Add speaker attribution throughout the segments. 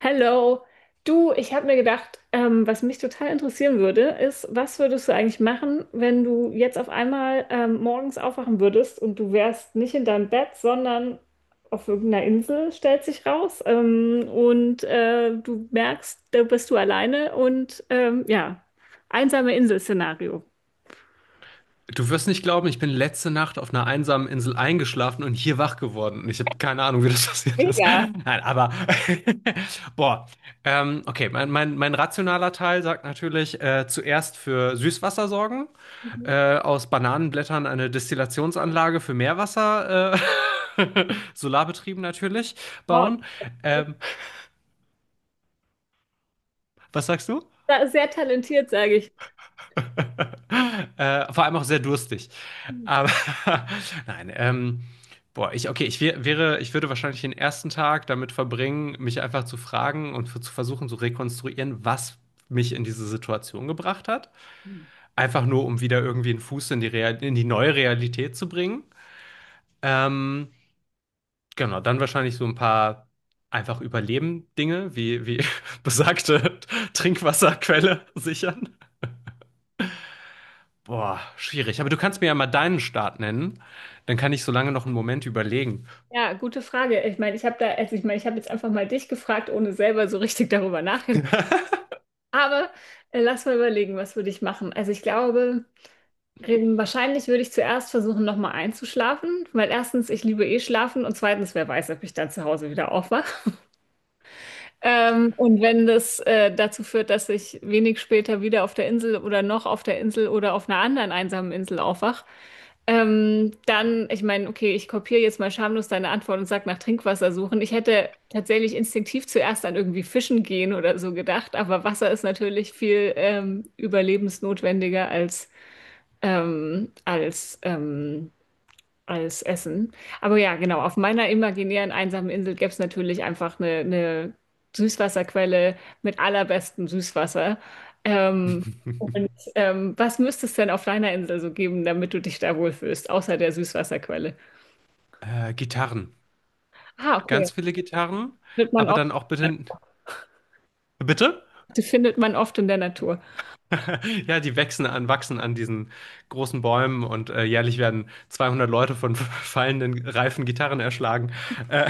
Speaker 1: Hello, du, ich habe mir gedacht, was mich total interessieren würde, ist, was würdest du eigentlich machen, wenn du jetzt auf einmal morgens aufwachen würdest und du wärst nicht in deinem Bett, sondern auf irgendeiner Insel, stellt sich raus, du merkst, da bist du alleine und ja, einsame Insel-Szenario.
Speaker 2: Du wirst nicht glauben, ich bin letzte Nacht auf einer einsamen Insel eingeschlafen und hier wach geworden. Und ich habe keine Ahnung, wie das passiert ist.
Speaker 1: Mega.
Speaker 2: Nein, aber boah. Okay, mein rationaler Teil sagt natürlich, zuerst für Süßwasser sorgen,
Speaker 1: Mhm.
Speaker 2: aus Bananenblättern eine Destillationsanlage für Meerwasser, äh, solarbetrieben natürlich,
Speaker 1: Wow.
Speaker 2: bauen.
Speaker 1: Du bist.
Speaker 2: Ähm, Was sagst du?
Speaker 1: Sehr talentiert, sage ich.
Speaker 2: Vor allem auch sehr durstig. Aber nein, boah, okay, ich würde wahrscheinlich den ersten Tag damit verbringen, mich einfach zu fragen und zu versuchen zu rekonstruieren, was mich in diese Situation gebracht hat. Einfach nur, um wieder irgendwie einen Fuß in die, Real in die neue Realität zu bringen. Ähm, genau, dann wahrscheinlich so ein paar einfach Überleben-Dinge, wie besagte Trinkwasserquelle sichern. Boah, schwierig. Aber du kannst mir ja mal deinen Start nennen. Dann kann ich so lange noch einen Moment überlegen.
Speaker 1: Ja, gute Frage. Ich meine, ich habe da, also ich meine, ich habe jetzt einfach mal dich gefragt, ohne selber so richtig darüber nachgedacht. Aber lass mal überlegen, was würde ich machen? Also ich glaube, wahrscheinlich würde ich zuerst versuchen, nochmal einzuschlafen, weil erstens, ich liebe eh schlafen und zweitens, wer weiß, ob ich dann zu Hause wieder aufwache. Und wenn das dazu führt, dass ich wenig später wieder auf der Insel oder noch auf der Insel oder auf einer anderen einsamen Insel aufwach, dann, ich meine, okay, ich kopiere jetzt mal schamlos deine Antwort und sag nach Trinkwasser suchen. Ich hätte tatsächlich instinktiv zuerst an irgendwie Fischen gehen oder so gedacht, aber Wasser ist natürlich viel überlebensnotwendiger als, ähm, als ähm, als Essen. Aber ja, genau, auf meiner imaginären einsamen Insel gäbe es natürlich einfach eine Süßwasserquelle mit allerbestem Süßwasser. Ähm, und ähm, was müsste es denn auf deiner Insel so geben, damit du dich da wohlfühlst, außer der Süßwasserquelle?
Speaker 2: Gitarren.
Speaker 1: Ah, okay.
Speaker 2: Ganz viele Gitarren,
Speaker 1: Findet man
Speaker 2: aber
Speaker 1: oft,
Speaker 2: dann auch bitte. Bitte?
Speaker 1: die findet man oft in der Natur.
Speaker 2: Ja, die wachsen an diesen großen Bäumen und jährlich werden 200 Leute von fallenden, reifen Gitarren erschlagen. Äh,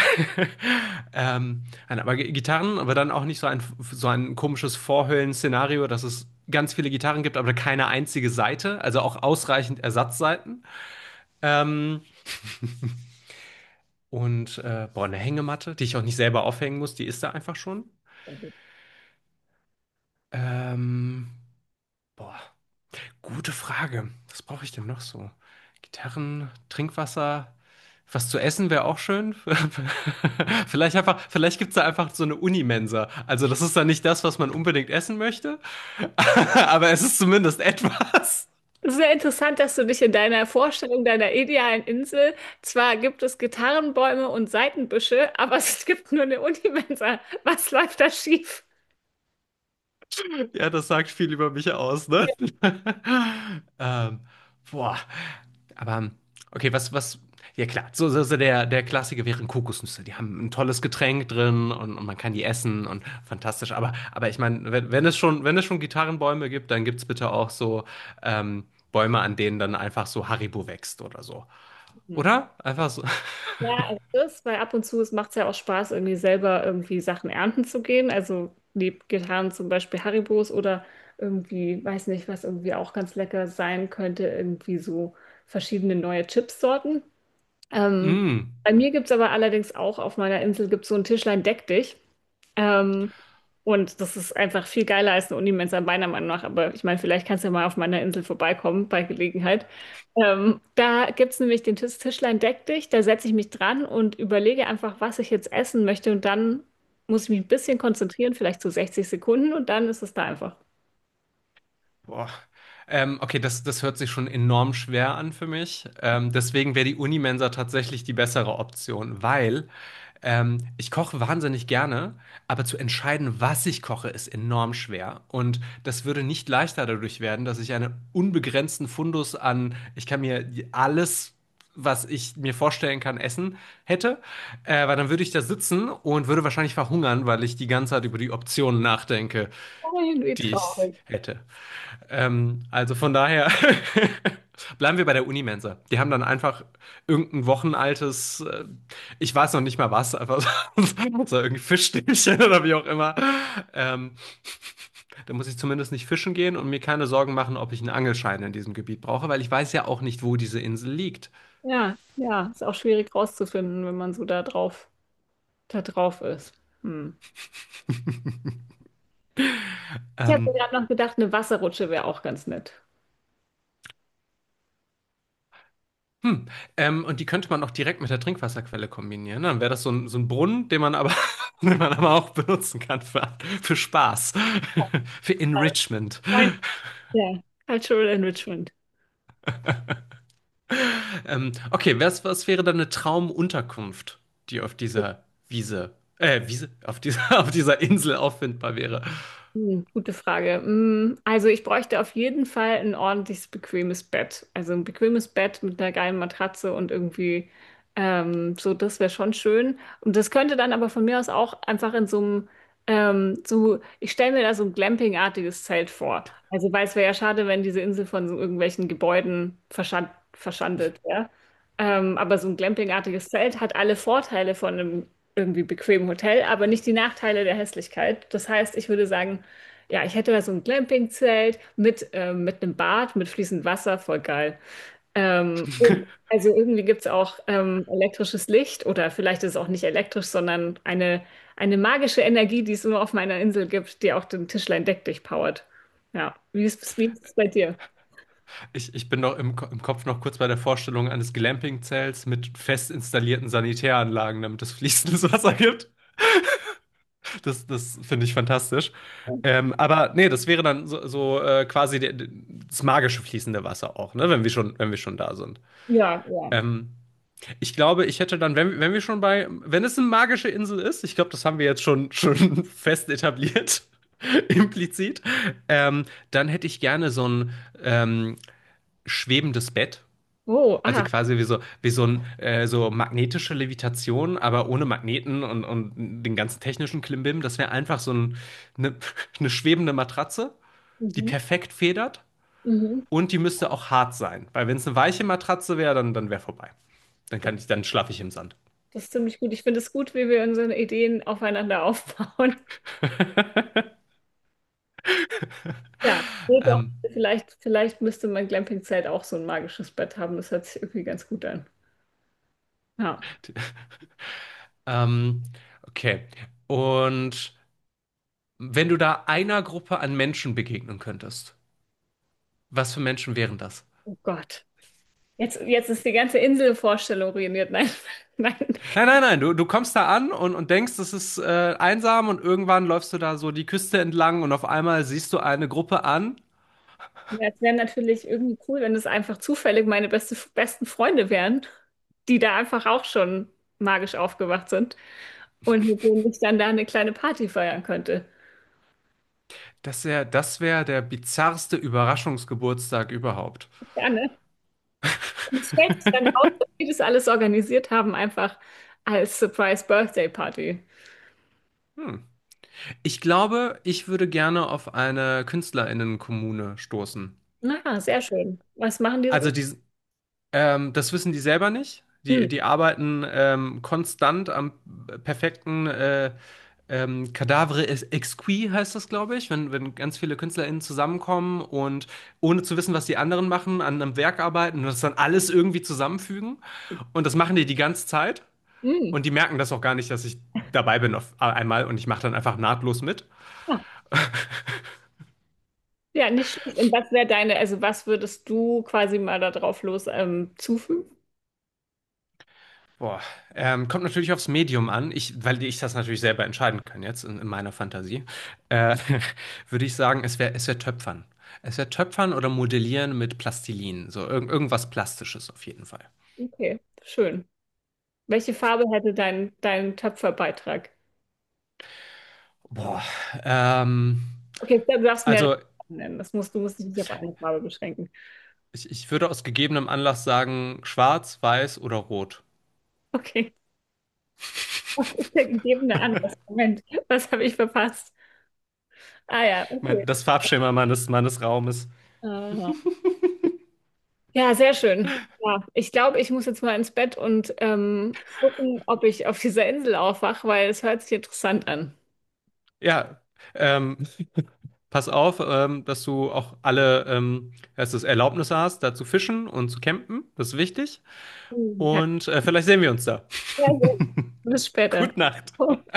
Speaker 2: nein, aber Gitarren, aber dann auch nicht so ein komisches Vorhöllen-Szenario, dass es ganz viele Gitarren gibt, aber keine einzige Saite, also auch ausreichend Ersatzsaiten. Ähm, und boah, eine Hängematte, die ich auch nicht selber aufhängen muss, die ist da einfach schon. Ähm, Boah. Gute Frage. Was brauche ich denn noch so? Gitarren, Trinkwasser, was zu essen wäre auch schön. Vielleicht gibt es da einfach so eine Unimensa. Also das ist dann nicht das, was man unbedingt essen möchte, aber es ist zumindest etwas.
Speaker 1: Es ist sehr interessant, dass du dich in deiner Vorstellung deiner idealen Insel, zwar gibt es Gitarrenbäume und Seitenbüsche, aber es gibt nur eine Unimensa. Was läuft da schief?
Speaker 2: Ja, das sagt viel über mich aus, ne? Ähm, Boah. Aber, okay, ja klar, der Klassiker wären Kokosnüsse. Die haben ein tolles Getränk drin und man kann die essen und fantastisch. Aber ich meine, wenn es schon Gitarrenbäume gibt, dann gibt es bitte auch so ähm, Bäume, an denen dann einfach so Haribo wächst oder so.
Speaker 1: Hm.
Speaker 2: Oder? Einfach so.
Speaker 1: Ja, also das, weil ab und zu es macht es ja auch Spaß, irgendwie selber irgendwie Sachen ernten zu gehen. Also neben Gitarren zum Beispiel Haribos oder irgendwie, weiß nicht, was irgendwie auch ganz lecker sein könnte, irgendwie so verschiedene neue Chipssorten. Ähm,
Speaker 2: Mm.
Speaker 1: Bei mir gibt es aber allerdings auch auf meiner Insel gibt's so ein Tischlein Deck dich. Ähm, und das ist einfach viel geiler als eine Unimensa meiner Meinung nach. Aber ich meine, vielleicht kannst du ja mal auf meiner Insel vorbeikommen bei Gelegenheit. Da gibt es nämlich den Tischlein Deck dich, da setze ich mich dran und überlege einfach, was ich jetzt essen möchte und dann muss ich mich ein bisschen konzentrieren, vielleicht so 60 Sekunden und dann ist es da einfach
Speaker 2: Boah. Okay, das hört sich schon enorm schwer an für mich. Deswegen wäre die Unimensa tatsächlich die bessere Option, weil ich koche wahnsinnig gerne, aber zu entscheiden, was ich koche, ist enorm schwer. Und das würde nicht leichter dadurch werden, dass ich einen unbegrenzten Fundus an, ich kann mir alles, was ich mir vorstellen kann, essen hätte. Weil dann würde ich da sitzen und würde wahrscheinlich verhungern, weil ich die ganze Zeit über die Optionen nachdenke,
Speaker 1: irgendwie
Speaker 2: die ich
Speaker 1: traurig.
Speaker 2: hätte. Also von daher bleiben wir bei der Unimensa. Die haben dann einfach irgendein wochenaltes, ich weiß noch nicht mal was, einfach so, so irgendwie Fischstäbchen oder wie auch immer. Ähm, Da muss ich zumindest nicht fischen gehen und mir keine Sorgen machen, ob ich einen Angelschein in diesem Gebiet brauche, weil ich weiß ja auch nicht, wo diese Insel liegt.
Speaker 1: Ja, ja, ist auch schwierig rauszufinden, wenn man da drauf ist. Hm. Ich habe mir
Speaker 2: Ähm,
Speaker 1: gerade noch gedacht, eine Wasserrutsche wäre auch ganz nett.
Speaker 2: Hm. Und die könnte man auch direkt mit der Trinkwasserquelle kombinieren, ne? Dann wäre das so ein Brunnen, den man aber auch benutzen kann für Spaß, für Enrichment.
Speaker 1: Moin. Ja, Cultural Enrichment.
Speaker 2: Okay, was wäre dann eine Traumunterkunft, die auf dieser auf dieser Insel auffindbar wäre?
Speaker 1: Hm, gute Frage. Hm, also ich bräuchte auf jeden Fall ein ordentliches, bequemes Bett. Also ein bequemes Bett mit einer geilen Matratze und irgendwie so, das wäre schon schön. Und das könnte dann aber von mir aus auch einfach in so einem, so, ich stelle mir da so ein Glamping-artiges Zelt vor. Also weil es wäre ja schade, wenn diese Insel von so irgendwelchen Gebäuden verschandelt wäre. Aber so ein Glamping-artiges Zelt hat alle Vorteile von einem irgendwie bequemen Hotel, aber nicht die Nachteile der Hässlichkeit. Das heißt, ich würde sagen, ja, ich hätte mal so ein Glamping-Zelt mit einem Bad, mit fließend Wasser, voll geil. Und also irgendwie gibt es auch elektrisches Licht oder vielleicht ist es auch nicht elektrisch, sondern eine magische Energie, die es immer auf meiner Insel gibt, die auch den Tischlein Deck durchpowert. Ja, wie ist es bei dir?
Speaker 2: Ich bin noch im Kopf noch kurz bei der Vorstellung eines Glamping-Zelts mit fest installierten Sanitäranlagen, damit es fließendes Wasser gibt. Das finde ich fantastisch. Aber nee, das wäre dann so, quasi das magische fließende Wasser auch, ne? Wenn wir schon da sind.
Speaker 1: Ja, ja.
Speaker 2: Ähm, Ich glaube, ich hätte dann, wenn, wenn wir schon bei, wenn es eine magische Insel ist, ich glaube, das haben wir jetzt schon fest etabliert, implizit, ähm, dann hätte ich gerne so ein ähm, schwebendes Bett.
Speaker 1: Oh,
Speaker 2: Also
Speaker 1: ah.
Speaker 2: quasi so magnetische Levitation, aber ohne Magneten und den ganzen technischen Klimbim. Das wäre einfach eine, eine schwebende Matratze, die
Speaker 1: Mhm,
Speaker 2: perfekt federt
Speaker 1: mhm.
Speaker 2: und die müsste auch hart sein. Weil wenn es eine weiche Matratze wäre, dann wäre vorbei.
Speaker 1: Das,
Speaker 2: Dann schlafe ich im Sand.
Speaker 1: Das ist ziemlich gut. Ich finde es gut, wie wir unsere Ideen aufeinander aufbauen. Ja, nee, doch.
Speaker 2: Ähm,
Speaker 1: Vielleicht müsste mein Glamping-Zelt auch so ein magisches Bett haben. Das hört sich irgendwie ganz gut an. Ja,
Speaker 2: ähm, okay. Und wenn du da einer Gruppe an Menschen begegnen könntest, was für Menschen wären das?
Speaker 1: oh Gott. Jetzt ist die ganze Inselvorstellung ruiniert. Nein, nein.
Speaker 2: Nein, nein, nein, du kommst da an und denkst, es ist einsam und irgendwann läufst du da so die Küste entlang und auf einmal siehst du eine Gruppe an.
Speaker 1: Ja, es wäre natürlich irgendwie cool, wenn es einfach zufällig meine besten Freunde wären, die da einfach auch schon magisch aufgewacht sind und mit denen ich dann da eine kleine Party feiern könnte.
Speaker 2: Das wäre der bizarrste Überraschungsgeburtstag überhaupt.
Speaker 1: Ja, ne? Und es stellt sich dann raus, dass die das alles organisiert haben, einfach als Surprise Birthday Party.
Speaker 2: Hm. Ich glaube, ich würde gerne auf eine KünstlerInnenkommune stoßen.
Speaker 1: Na, sehr schön. Was machen die so?
Speaker 2: Also die, Das wissen die selber nicht.
Speaker 1: Hm,
Speaker 2: Die arbeiten konstant am perfekten Cadavre Exquis heißt das, glaube ich, wenn ganz viele KünstlerInnen zusammenkommen und ohne zu wissen, was die anderen machen, an einem Werk arbeiten und das dann alles irgendwie zusammenfügen. Und das machen die die ganze Zeit
Speaker 1: hm.
Speaker 2: und die merken das auch gar nicht, dass ich dabei bin auf einmal und ich mache dann einfach nahtlos mit.
Speaker 1: Ja, ja, nicht schlecht. Und was wäre deine, also was würdest du quasi mal da drauf los zufügen?
Speaker 2: Boah, kommt natürlich aufs Medium an, weil ich das natürlich selber entscheiden kann jetzt in meiner Fantasie. Äh, würde ich sagen, es wär Töpfern. Es wäre Töpfern oder Modellieren mit Plastilin, so irgendwas Plastisches auf jeden Fall.
Speaker 1: Okay, schön. Welche Farbe hätte dein Töpferbeitrag?
Speaker 2: Boah, ähm,
Speaker 1: Okay, du darfst mehrere
Speaker 2: also
Speaker 1: Farben nennen. Das musst, du musst dich nicht auf eine Farbe beschränken.
Speaker 2: ich würde aus gegebenem Anlass sagen, schwarz, weiß oder rot.
Speaker 1: Okay. Was ist der gegebene Anlass? Moment, was habe ich verpasst? Ah ja, okay.
Speaker 2: Das Farbschema meines Raumes.
Speaker 1: Aha. Ja, sehr schön. Ja, ich glaube, ich muss jetzt mal ins Bett und gucken, ob ich auf dieser Insel aufwache, weil es hört sich interessant an.
Speaker 2: Ja, ähm, pass auf, dass du Erlaubnisse hast, da zu fischen und zu campen. Das ist wichtig.
Speaker 1: Mhm.
Speaker 2: Und vielleicht sehen wir uns da.
Speaker 1: Ja, sehr. Bis später.
Speaker 2: Gute Nacht.